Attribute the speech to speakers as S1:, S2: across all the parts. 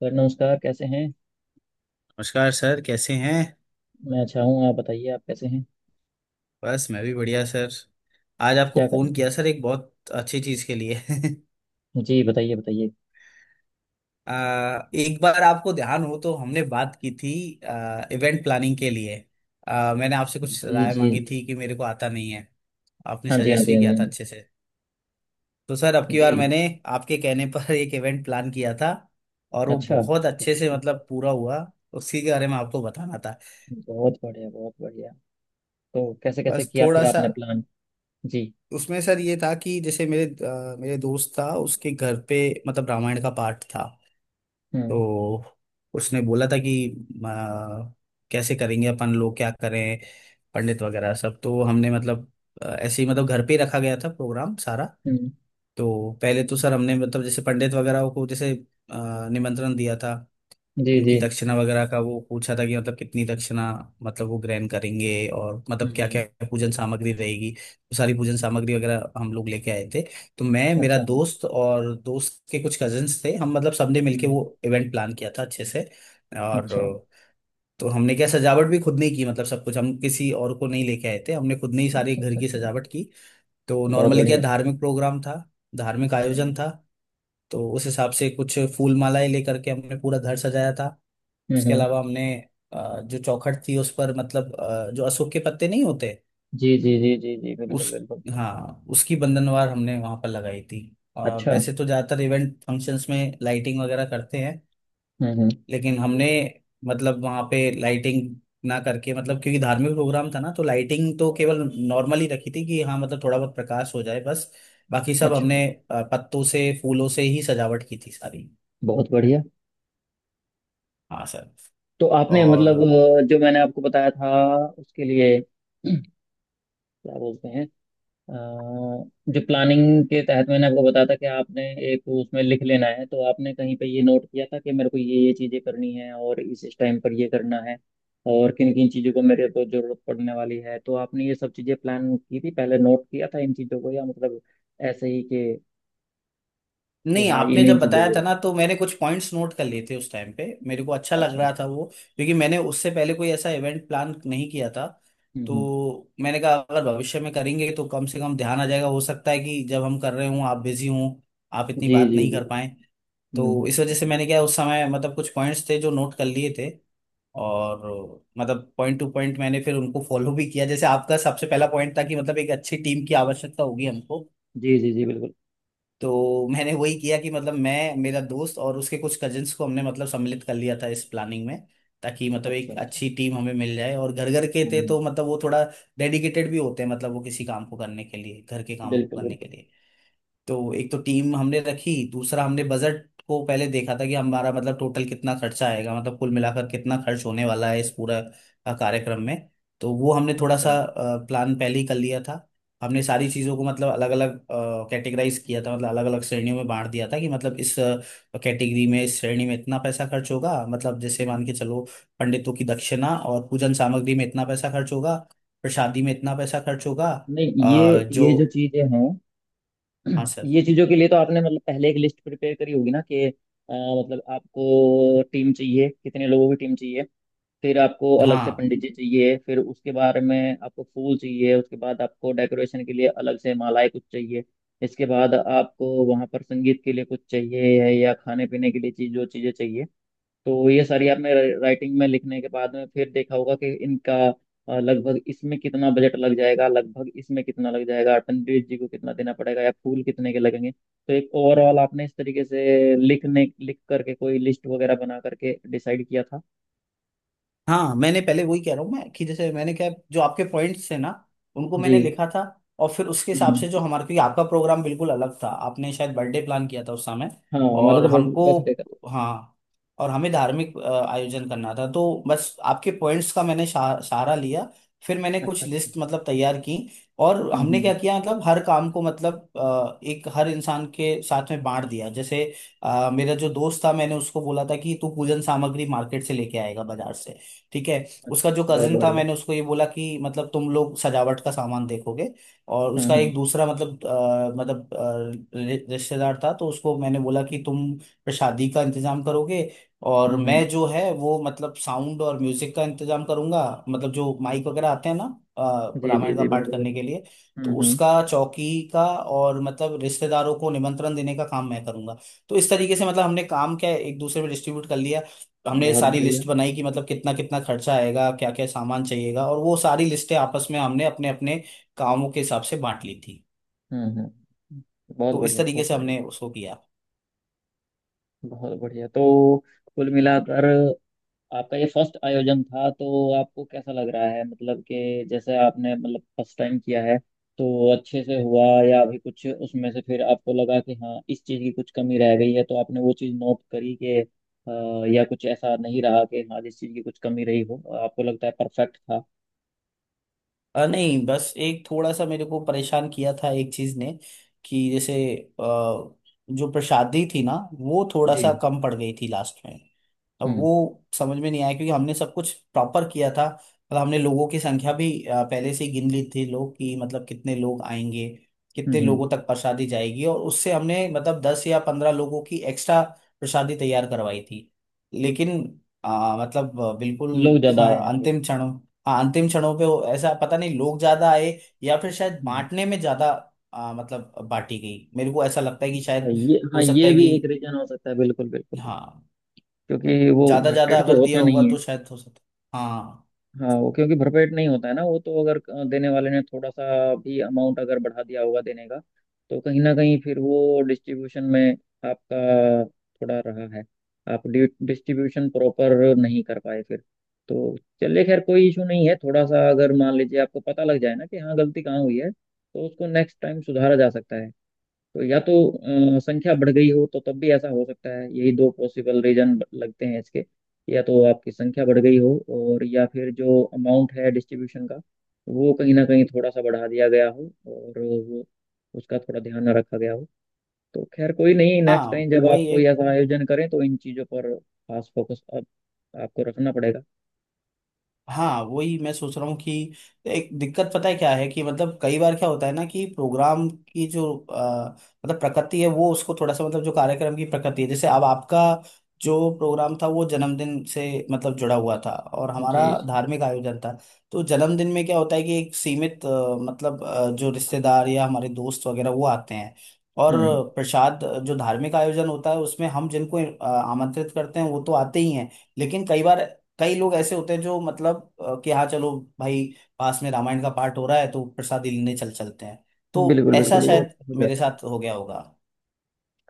S1: Sir नमस्कार, कैसे हैं?
S2: नमस्कार सर, कैसे हैं।
S1: मैं अच्छा हूँ, आप बताइए, आप कैसे हैं?
S2: बस मैं भी बढ़िया सर। आज आपको
S1: क्या कर
S2: फोन
S1: रहे
S2: किया सर, एक बहुत अच्छी चीज के लिए।
S1: थे जी? बताइए बताइए।
S2: एक बार आपको ध्यान हो तो हमने बात की थी, इवेंट प्लानिंग के लिए। मैंने आपसे कुछ
S1: जी
S2: राय
S1: जी
S2: मांगी
S1: जी।
S2: थी कि मेरे को आता नहीं है। आपने
S1: हाँ जी, हाँ
S2: सजेस्ट
S1: जी,
S2: भी
S1: हाँ जी,
S2: किया
S1: हाँ।
S2: था अच्छे से। तो सर, अब की
S1: जी
S2: बार
S1: जी।
S2: मैंने आपके कहने पर एक इवेंट प्लान किया था और वो
S1: अच्छा।
S2: बहुत अच्छे से मतलब पूरा हुआ। उसी के बारे में आपको बताना था।
S1: बहुत बढ़िया, बहुत बढ़िया। तो कैसे कैसे
S2: बस
S1: किया
S2: थोड़ा
S1: फिर
S2: सा
S1: आपने प्लान? जी।
S2: उसमें सर ये था कि जैसे मेरे दोस्त था उसके घर पे, मतलब रामायण का पाठ था।
S1: हम्म
S2: तो उसने बोला था कि अ, कैसे करेंगे अपन लोग, क्या करें। पंडित वगैरह सब तो हमने मतलब ऐसे ही, मतलब घर पे ही रखा गया था प्रोग्राम सारा।
S1: हम्म।
S2: तो पहले तो सर हमने मतलब जैसे पंडित वगैरह को जैसे निमंत्रण दिया था।
S1: जी
S2: उनकी
S1: जी।
S2: दक्षिणा वगैरह का वो पूछा था कि मतलब कितनी दक्षिणा, मतलब वो ग्रहण करेंगे, और मतलब क्या क्या
S1: हम्म।
S2: पूजन सामग्री रहेगी। तो सारी पूजन सामग्री वगैरह हम लोग लेके आए थे। तो मैं, मेरा
S1: अच्छा।
S2: दोस्त और दोस्त के कुछ कजिन्स थे, हम मतलब सबने मिलके
S1: हम्म।
S2: वो इवेंट प्लान किया था अच्छे से। और
S1: अच्छा
S2: तो हमने क्या, सजावट भी खुद ने ही की, मतलब सब कुछ, हम किसी और को नहीं लेके आए थे, हमने खुद ने ही सारी
S1: अच्छा
S2: घर
S1: अच्छा।
S2: की
S1: अच्छा।
S2: सजावट की। तो
S1: बहुत
S2: नॉर्मली क्या,
S1: बढ़िया।
S2: धार्मिक प्रोग्राम था, धार्मिक
S1: हम्म
S2: आयोजन था। तो उस हिसाब से कुछ फूल मालाएं लेकर के हमने पूरा घर सजाया था। उसके
S1: हम्म।
S2: अलावा हमने जो चौखट थी उस पर, मतलब जो अशोक के पत्ते नहीं होते
S1: जी जी जी जी जी,
S2: उस
S1: बिल्कुल बिल्कुल।
S2: हाँ, उसकी बंधनवार हमने वहां पर लगाई थी। और
S1: अच्छा।
S2: वैसे तो ज्यादातर इवेंट फंक्शंस में लाइटिंग वगैरह करते हैं,
S1: हम्म।
S2: लेकिन हमने मतलब वहां पे लाइटिंग ना करके, मतलब क्योंकि धार्मिक प्रोग्राम था ना, तो लाइटिंग तो केवल नॉर्मल ही रखी थी कि हाँ मतलब थोड़ा बहुत प्रकाश हो जाए बस। बाकी सब
S1: अच्छा।
S2: हमने पत्तों से फूलों से ही सजावट की थी सारी।
S1: बहुत बढ़िया।
S2: हाँ सर।
S1: तो आपने मतलब
S2: और
S1: जो मैंने आपको बताया था उसके लिए क्या बोलते हैं, अ, जो प्लानिंग के तहत मैंने आपको बताया था कि आपने एक उसमें लिख लेना है। तो आपने कहीं पे ये नोट किया था कि मेरे को ये चीज़ें करनी है और इस टाइम पर ये करना है, और किन किन चीज़ों को मेरे को जरूरत पड़ने वाली है। तो आपने ये सब चीज़ें प्लान की थी, पहले नोट किया था इन चीज़ों को, या मतलब ऐसे ही कि
S2: नहीं,
S1: हाँ
S2: आपने
S1: इन्हीं
S2: जब
S1: चीज़ों
S2: बताया
S1: को।
S2: था ना तो मैंने कुछ पॉइंट्स नोट कर लिए थे, उस टाइम पे मेरे को अच्छा लग
S1: अच्छा।
S2: रहा था वो, क्योंकि मैंने उससे पहले कोई ऐसा इवेंट प्लान नहीं किया था।
S1: हम्म।
S2: तो मैंने कहा अगर भविष्य में करेंगे तो कम से कम ध्यान आ जाएगा, हो सकता है कि जब हम कर रहे हों आप बिजी हों, आप इतनी
S1: जी
S2: बात
S1: जी
S2: नहीं
S1: जी।
S2: कर पाए।
S1: हम्म
S2: तो
S1: हम्म
S2: इस
S1: हम्म,
S2: वजह से
S1: हम्म।
S2: मैंने क्या, उस समय मतलब कुछ पॉइंट्स थे जो नोट कर लिए थे। और मतलब पॉइंट टू पॉइंट मैंने फिर उनको फॉलो भी किया। जैसे आपका सबसे पहला पॉइंट था कि मतलब एक अच्छी टीम की आवश्यकता होगी हमको।
S1: जी जी जी, बिल्कुल।
S2: तो मैंने वही किया कि मतलब मैं, मेरा दोस्त और उसके कुछ कजिन्स को हमने मतलब सम्मिलित कर लिया था इस प्लानिंग में, ताकि मतलब
S1: अच्छा
S2: एक
S1: अच्छा।
S2: अच्छी टीम हमें मिल जाए। और घर घर के
S1: हम्म
S2: थे
S1: हम्म।
S2: तो मतलब वो थोड़ा डेडिकेटेड भी होते हैं, मतलब वो किसी काम को करने के लिए, घर के कामों को
S1: बिल्कुल
S2: करने
S1: बिल्कुल।
S2: के लिए। तो एक तो टीम हमने रखी। दूसरा, हमने बजट को पहले देखा था कि हमारा मतलब टोटल कितना खर्चा आएगा, मतलब कुल मिलाकर कितना खर्च होने वाला है इस पूरा कार्यक्रम में। तो वो हमने थोड़ा
S1: अच्छा।
S2: सा प्लान पहले ही कर लिया था। हमने सारी चीज़ों को मतलब अलग अलग कैटेगराइज किया था, मतलब अलग अलग श्रेणियों में बांट दिया था कि मतलब इस कैटेगरी में, इस श्रेणी में इतना पैसा खर्च होगा। मतलब जैसे मान के
S1: हम्म।
S2: चलो, पंडितों की दक्षिणा और पूजन सामग्री में इतना पैसा खर्च होगा, प्रसादी में इतना पैसा खर्च होगा।
S1: नहीं ये, ये जो
S2: जो।
S1: चीजें हैं
S2: हाँ सर।
S1: ये चीजों के लिए तो आपने मतलब पहले एक लिस्ट प्रिपेयर करी होगी ना कि मतलब आपको टीम चाहिए, कितने लोगों की टीम चाहिए, फिर आपको अलग से
S2: हाँ,
S1: पंडित जी चाहिए, फिर उसके बारे में आपको फूल चाहिए, उसके बाद आपको डेकोरेशन के लिए अलग से मालाएं कुछ चाहिए, इसके बाद आपको वहां पर संगीत के लिए कुछ चाहिए या खाने पीने के लिए चीज जो चीजें चाहिए। तो ये सारी आपने राइटिंग में लिखने के बाद में फिर देखा होगा कि इनका लगभग इसमें कितना बजट लग जाएगा, लगभग इसमें कितना लग जाएगा, पंडित जी को कितना देना पड़ेगा या फूल कितने के लगेंगे, तो एक ओवरऑल आपने इस तरीके से लिखने लिख करके कोई लिस्ट वगैरह बना करके डिसाइड किया था।
S2: हाँ, मैंने पहले वही कह रहा हूँ मैं कि जैसे मैंने क्या, जो आपके पॉइंट्स थे ना, उनको
S1: जी।
S2: मैंने लिखा था। और फिर उसके हिसाब
S1: हम्म।
S2: से जो हमारा, क्योंकि आपका प्रोग्राम बिल्कुल अलग था, आपने शायद बर्थडे प्लान किया था उस समय।
S1: हाँ हमारा
S2: और
S1: तो
S2: हमको
S1: बर्थडे का।
S2: हाँ। और हमें धार्मिक आयोजन करना था, तो बस आपके पॉइंट्स का मैंने सहारा लिया। फिर मैंने
S1: अच्छा
S2: कुछ
S1: अच्छा।
S2: लिस्ट मतलब तैयार की। और हमने
S1: हम्म।
S2: क्या किया, मतलब हर काम को मतलब एक हर इंसान के साथ में बांट दिया। जैसे मेरा जो दोस्त था, मैंने उसको बोला था कि तू पूजन सामग्री मार्केट से लेके आएगा, बाजार से। ठीक है।
S1: अच्छा।
S2: उसका जो
S1: बहुत
S2: कजिन था,
S1: बढ़िया।
S2: मैंने उसको ये बोला कि मतलब तुम लोग सजावट का सामान देखोगे। और उसका
S1: हम्म हम्म
S2: एक दूसरा मतलब रिश्तेदार था, तो उसको मैंने बोला कि तुम प्रसादी का इंतजाम करोगे। और
S1: हम्म।
S2: मैं, जो है वो मतलब साउंड और म्यूजिक का इंतजाम करूंगा, मतलब जो माइक वगैरह आते हैं ना,
S1: जी जी
S2: रामायण का
S1: जी,
S2: पाठ
S1: बिल्कुल
S2: करने
S1: बिल्कुल।
S2: के लिए। तो
S1: हम्म।
S2: उसका चौकी का और मतलब रिश्तेदारों को निमंत्रण देने का काम मैं करूंगा। तो इस तरीके से मतलब हमने काम क्या है, एक दूसरे में डिस्ट्रीब्यूट कर लिया है। हमने
S1: बहुत
S2: सारी
S1: बढ़िया।
S2: लिस्ट बनाई कि मतलब कितना कितना खर्चा आएगा, क्या क्या सामान चाहिएगा। और वो सारी लिस्टें आपस में हमने अपने अपने कामों के हिसाब से बांट ली थी।
S1: हम्म। बहुत
S2: तो इस
S1: बढ़िया,
S2: तरीके
S1: बहुत
S2: से
S1: बढ़िया।
S2: हमने उसको किया।
S1: बहुत बढ़िया। तो कुल मिलाकर आपका ये फर्स्ट आयोजन था, तो आपको कैसा लग रहा है? मतलब कि जैसे आपने मतलब फर्स्ट टाइम किया है तो अच्छे से हुआ, या अभी कुछ उसमें से फिर आपको लगा कि हाँ इस चीज़ की कुछ कमी रह गई है तो आपने वो चीज़ नोट करी कि या कुछ ऐसा नहीं रहा, कि हाँ जिस चीज़ की कुछ कमी रही हो, आपको लगता है परफेक्ट था?
S2: नहीं, बस एक थोड़ा सा मेरे को परेशान किया था एक चीज ने, कि जैसे जो प्रसादी थी ना, वो थोड़ा सा
S1: जी।
S2: कम पड़ गई थी लास्ट में। अब
S1: हम्म
S2: वो समझ में नहीं आया, क्योंकि हमने सब कुछ प्रॉपर किया था। मतलब हमने लोगों की संख्या भी पहले से ही गिन ली थी, लोग कि मतलब कितने लोग आएंगे,
S1: हम्म
S2: कितने
S1: हम्म।
S2: लोगों तक प्रसादी जाएगी। और उससे हमने मतलब 10 या 15 लोगों की एक्स्ट्रा प्रसादी तैयार करवाई थी। लेकिन बिल्कुल।
S1: लोग ज्यादा आए हैं फिर?
S2: अंतिम क्षणों हाँ, अंतिम क्षणों पे ऐसा पता नहीं, लोग ज्यादा आए या फिर शायद
S1: हम्म।
S2: बांटने में ज्यादा मतलब बांटी गई। मेरे को ऐसा लगता है कि
S1: अच्छा
S2: शायद
S1: ये, हाँ
S2: हो सकता
S1: ये
S2: है
S1: भी एक
S2: कि,
S1: रीजन हो सकता है, बिल्कुल बिल्कुल बिल्कुल।
S2: हाँ,
S1: क्योंकि वो
S2: ज्यादा ज्यादा
S1: भरपेट
S2: अगर
S1: तो होता
S2: दिया होगा
S1: नहीं।
S2: तो शायद हो सकता है। हाँ।
S1: हाँ वो क्योंकि भरपेट नहीं होता है ना वो, तो अगर देने वाले ने थोड़ा सा भी अमाउंट अगर बढ़ा दिया होगा देने का, तो कहीं ना कहीं फिर वो डिस्ट्रीब्यूशन में आपका थोड़ा रहा है, आप डिस्ट्रीब्यूशन प्रॉपर नहीं कर पाए फिर। तो चलिए, खैर कोई इशू नहीं है। थोड़ा सा अगर मान लीजिए आपको पता लग जाए ना कि हाँ गलती कहाँ हुई है तो उसको नेक्स्ट टाइम सुधारा जा सकता है। तो या तो संख्या बढ़ गई हो तो तब भी ऐसा हो सकता है, यही दो पॉसिबल रीजन लगते हैं इसके, या तो आपकी संख्या बढ़ गई हो, और या फिर जो अमाउंट है डिस्ट्रीब्यूशन का वो कहीं ना कहीं थोड़ा सा बढ़ा दिया गया हो, और वो, उसका थोड़ा ध्यान ना रखा गया हो। तो खैर कोई नहीं, नेक्स्ट
S2: हाँ
S1: टाइम जब
S2: वही
S1: आप
S2: है।
S1: कोई ऐसा आयोजन करें तो इन चीज़ों पर खास फोकस अब आपको रखना पड़ेगा।
S2: हाँ, वही मैं सोच रहा हूँ कि एक दिक्कत पता है क्या है, कि मतलब कई बार क्या होता है ना, कि प्रोग्राम की जो अ, मतलब प्रकृति है, वो उसको थोड़ा सा मतलब जो कार्यक्रम की प्रकृति है। जैसे अब आपका जो प्रोग्राम था वो जन्मदिन से मतलब जुड़ा हुआ था, और
S1: जी
S2: हमारा
S1: जी।
S2: धार्मिक आयोजन था। तो जन्मदिन में क्या होता है कि एक सीमित मतलब जो रिश्तेदार या हमारे दोस्त वगैरह वो आते हैं। और
S1: हम्म
S2: प्रसाद, जो धार्मिक आयोजन होता है उसमें हम जिनको आमंत्रित करते हैं वो तो आते ही हैं, लेकिन कई बार कई लोग ऐसे होते हैं जो मतलब कि, हाँ चलो भाई, पास में रामायण का पाठ हो रहा है तो प्रसाद ही लेने चल चलते हैं। तो
S1: बिल्कुल
S2: ऐसा
S1: बिल्कुल। वो
S2: शायद
S1: हो
S2: मेरे
S1: जाता
S2: साथ हो गया होगा,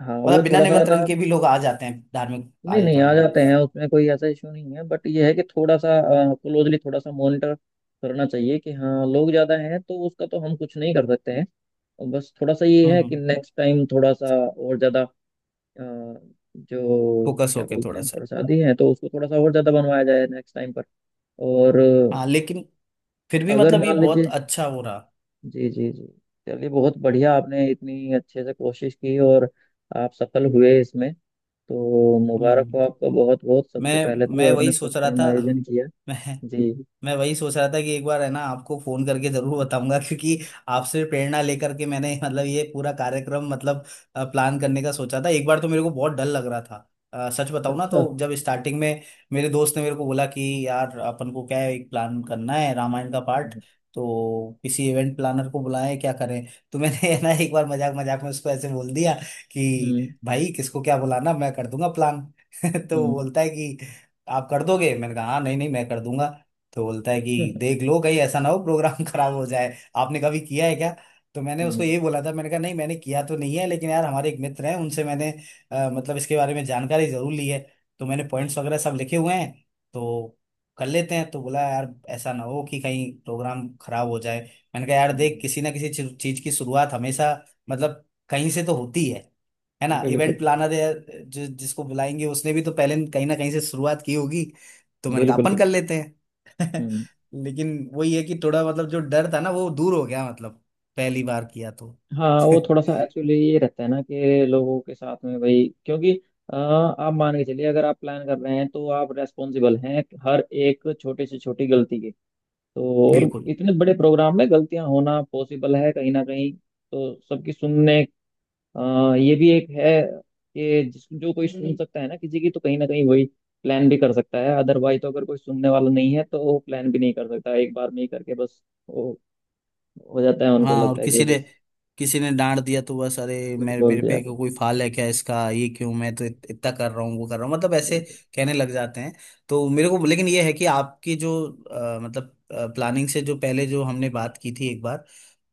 S1: है। हाँ वो
S2: मतलब बिना
S1: थोड़ा सा
S2: निमंत्रण
S1: ना,
S2: के भी लोग आ जाते हैं धार्मिक
S1: नहीं नहीं, आ
S2: आयोजनों में।
S1: जाते हैं उसमें, कोई ऐसा इशू नहीं है, बट ये है कि थोड़ा सा क्लोजली थोड़ा सा मॉनिटर करना चाहिए, कि हाँ लोग ज़्यादा हैं तो उसका तो हम कुछ नहीं कर सकते हैं, और बस थोड़ा सा ये है कि
S2: हम्म।
S1: नेक्स्ट टाइम थोड़ा सा और ज़्यादा जो
S2: फोकस
S1: क्या
S2: होके
S1: बोलते
S2: थोड़ा
S1: हैं
S2: सा।
S1: प्रसादी है तो उसको थोड़ा सा और ज़्यादा बनवाया जाए नेक्स्ट टाइम पर। और
S2: हाँ, लेकिन फिर भी
S1: अगर
S2: मतलब ये
S1: मान
S2: बहुत
S1: लीजिए,
S2: अच्छा हो रहा।
S1: जी जी जी, चलिए बहुत बढ़िया, आपने इतनी अच्छे से कोशिश की और आप सफल हुए इसमें, तो
S2: हम्म
S1: मुबारक हो
S2: हम्म।
S1: आपका, बहुत बहुत, सबसे
S2: मैं
S1: पहले
S2: मैं
S1: तो आपने
S2: वही सोच
S1: फर्स्ट
S2: रहा
S1: टाइम
S2: था।
S1: आयोजन किया।
S2: मैं
S1: जी।
S2: मैं वही सोच रहा था कि एक बार है ना आपको फोन करके जरूर बताऊंगा, क्योंकि आपसे प्रेरणा लेकर के मैंने मतलब ये पूरा कार्यक्रम मतलब प्लान करने का सोचा था। एक बार तो मेरे को बहुत डर लग रहा था, सच बताऊं ना,
S1: अच्छा।
S2: तो जब स्टार्टिंग में मेरे दोस्त ने मेरे को बोला कि यार अपन को क्या है, एक प्लान करना है रामायण का पार्ट,
S1: हम्म
S2: तो किसी इवेंट प्लानर को बुलाएं, क्या करें। तो मैंने है ना एक बार मजाक मजाक में उसको ऐसे बोल दिया कि भाई किसको क्या बुलाना, मैं कर दूंगा प्लान। तो वो
S1: हम्म
S2: बोलता है कि आप कर दोगे। मैंने कहा हाँ, नहीं नहीं, मैं कर दूंगा। तो बोलता है कि
S1: हम्म
S2: देख लो कहीं ऐसा ना हो प्रोग्राम खराब हो जाए, आपने कभी किया है क्या। तो मैंने उसको
S1: हम्म,
S2: यही बोला था, मैंने कहा नहीं, मैंने किया तो नहीं है, लेकिन यार हमारे एक मित्र हैं, उनसे मैंने मतलब इसके बारे में जानकारी जरूर ली है। तो मैंने पॉइंट्स वगैरह सब लिखे हुए हैं, तो कर लेते हैं। तो बोला यार ऐसा ना हो कि कहीं प्रोग्राम खराब हो जाए। मैंने कहा यार देख,
S1: हम्म,
S2: किसी ना किसी चीज चीज की शुरुआत हमेशा मतलब कहीं से तो होती है ना। इवेंट
S1: बिल्कुल
S2: प्लानर या जो, जिसको बुलाएंगे उसने भी तो पहले कहीं ना कहीं से शुरुआत की होगी। तो मैंने कहा
S1: बिल्कुल
S2: अपन
S1: बिल्कुल।
S2: कर लेते हैं।
S1: हम्म।
S2: लेकिन वही है कि थोड़ा मतलब जो डर था ना वो दूर हो गया, मतलब पहली बार किया तो।
S1: हाँ वो थोड़ा सा एक्चुअली ये रहता है ना, कि लोगों के साथ में भाई, क्योंकि आप मान के चलिए, अगर आप प्लान कर रहे हैं तो आप रेस्पॉन्सिबल हैं हर एक छोटे से छोटी गलती के, तो और
S2: बिल्कुल।
S1: इतने बड़े प्रोग्राम में गलतियां होना पॉसिबल है कहीं ना कहीं, तो सबकी सुनने ये भी एक है कि जिस जो कोई सुन सकता है ना किसी की तो कहीं ना कहीं वही प्लान भी कर सकता है, अदरवाइज तो अगर कोई सुनने वाला नहीं है तो वो प्लान भी नहीं कर सकता एक बार में ही करके, बस वो हो जाता है, उनको
S2: हाँ, और
S1: लगता है कि ये
S2: किसी ने
S1: बस
S2: किसी ने डांट दिया तो बस, अरे
S1: कुछ
S2: मेरे
S1: बोल
S2: मेरे
S1: दिया।
S2: पे कोई
S1: बिल्कुल
S2: फाल है क्या इसका, ये क्यों, मैं तो इतना कर रहा हूँ वो कर रहा हूँ, मतलब ऐसे
S1: बिल्कुल।
S2: कहने लग जाते हैं। तो मेरे को लेकिन ये है कि आपकी जो मतलब प्लानिंग से जो पहले जो हमने बात की थी एक बार,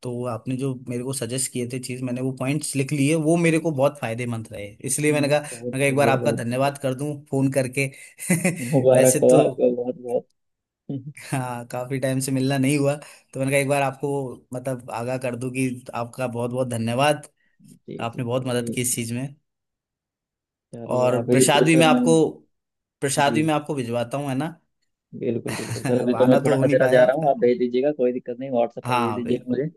S2: तो आपने जो मेरे को सजेस्ट किए थे चीज, मैंने वो पॉइंट्स लिख लिए, वो मेरे को बहुत फायदेमंद रहे। इसलिए मैंने कहा मैं
S1: बहुत
S2: कहा एक बार
S1: बढ़िया,
S2: आपका
S1: बहुत बढ़िया।
S2: धन्यवाद कर दूं फोन करके।
S1: मुबारक
S2: वैसे
S1: हो
S2: तो,
S1: आपको बहुत बहुत।
S2: हाँ, काफी टाइम से मिलना नहीं हुआ, तो मैंने कहा एक बार आपको मतलब आगाह कर दूं कि आपका बहुत बहुत धन्यवाद।
S1: जी जी,
S2: आपने बहुत
S1: कोई
S2: मदद की इस
S1: इशू।
S2: चीज में।
S1: चलिए
S2: और
S1: अभी
S2: प्रसाद
S1: तो
S2: भी
S1: सर
S2: मैं
S1: मैं,
S2: आपको प्रसाद भी
S1: जी,
S2: मैं आपको भिजवाता हूँ, है ना।
S1: बिल्कुल बिल्कुल सर, अभी तो मैं
S2: आना
S1: थोड़ा
S2: तो हो नहीं
S1: अधेरा जा
S2: पाया
S1: रहा
S2: आपका।
S1: हूँ, आप भेज दीजिएगा, कोई दिक्कत नहीं, व्हाट्सएप पर भेज
S2: हाँ
S1: दीजिएगा
S2: बिल्कुल।
S1: मुझे।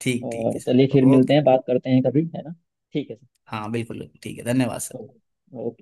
S2: ठीक ठीक
S1: और
S2: है
S1: चलिए फिर
S2: सर,
S1: मिलते
S2: ओके।
S1: हैं, बात करते हैं कभी, है ना? ठीक है
S2: हाँ बिल्कुल ठीक है, धन्यवाद
S1: सर,
S2: सर।
S1: ओके।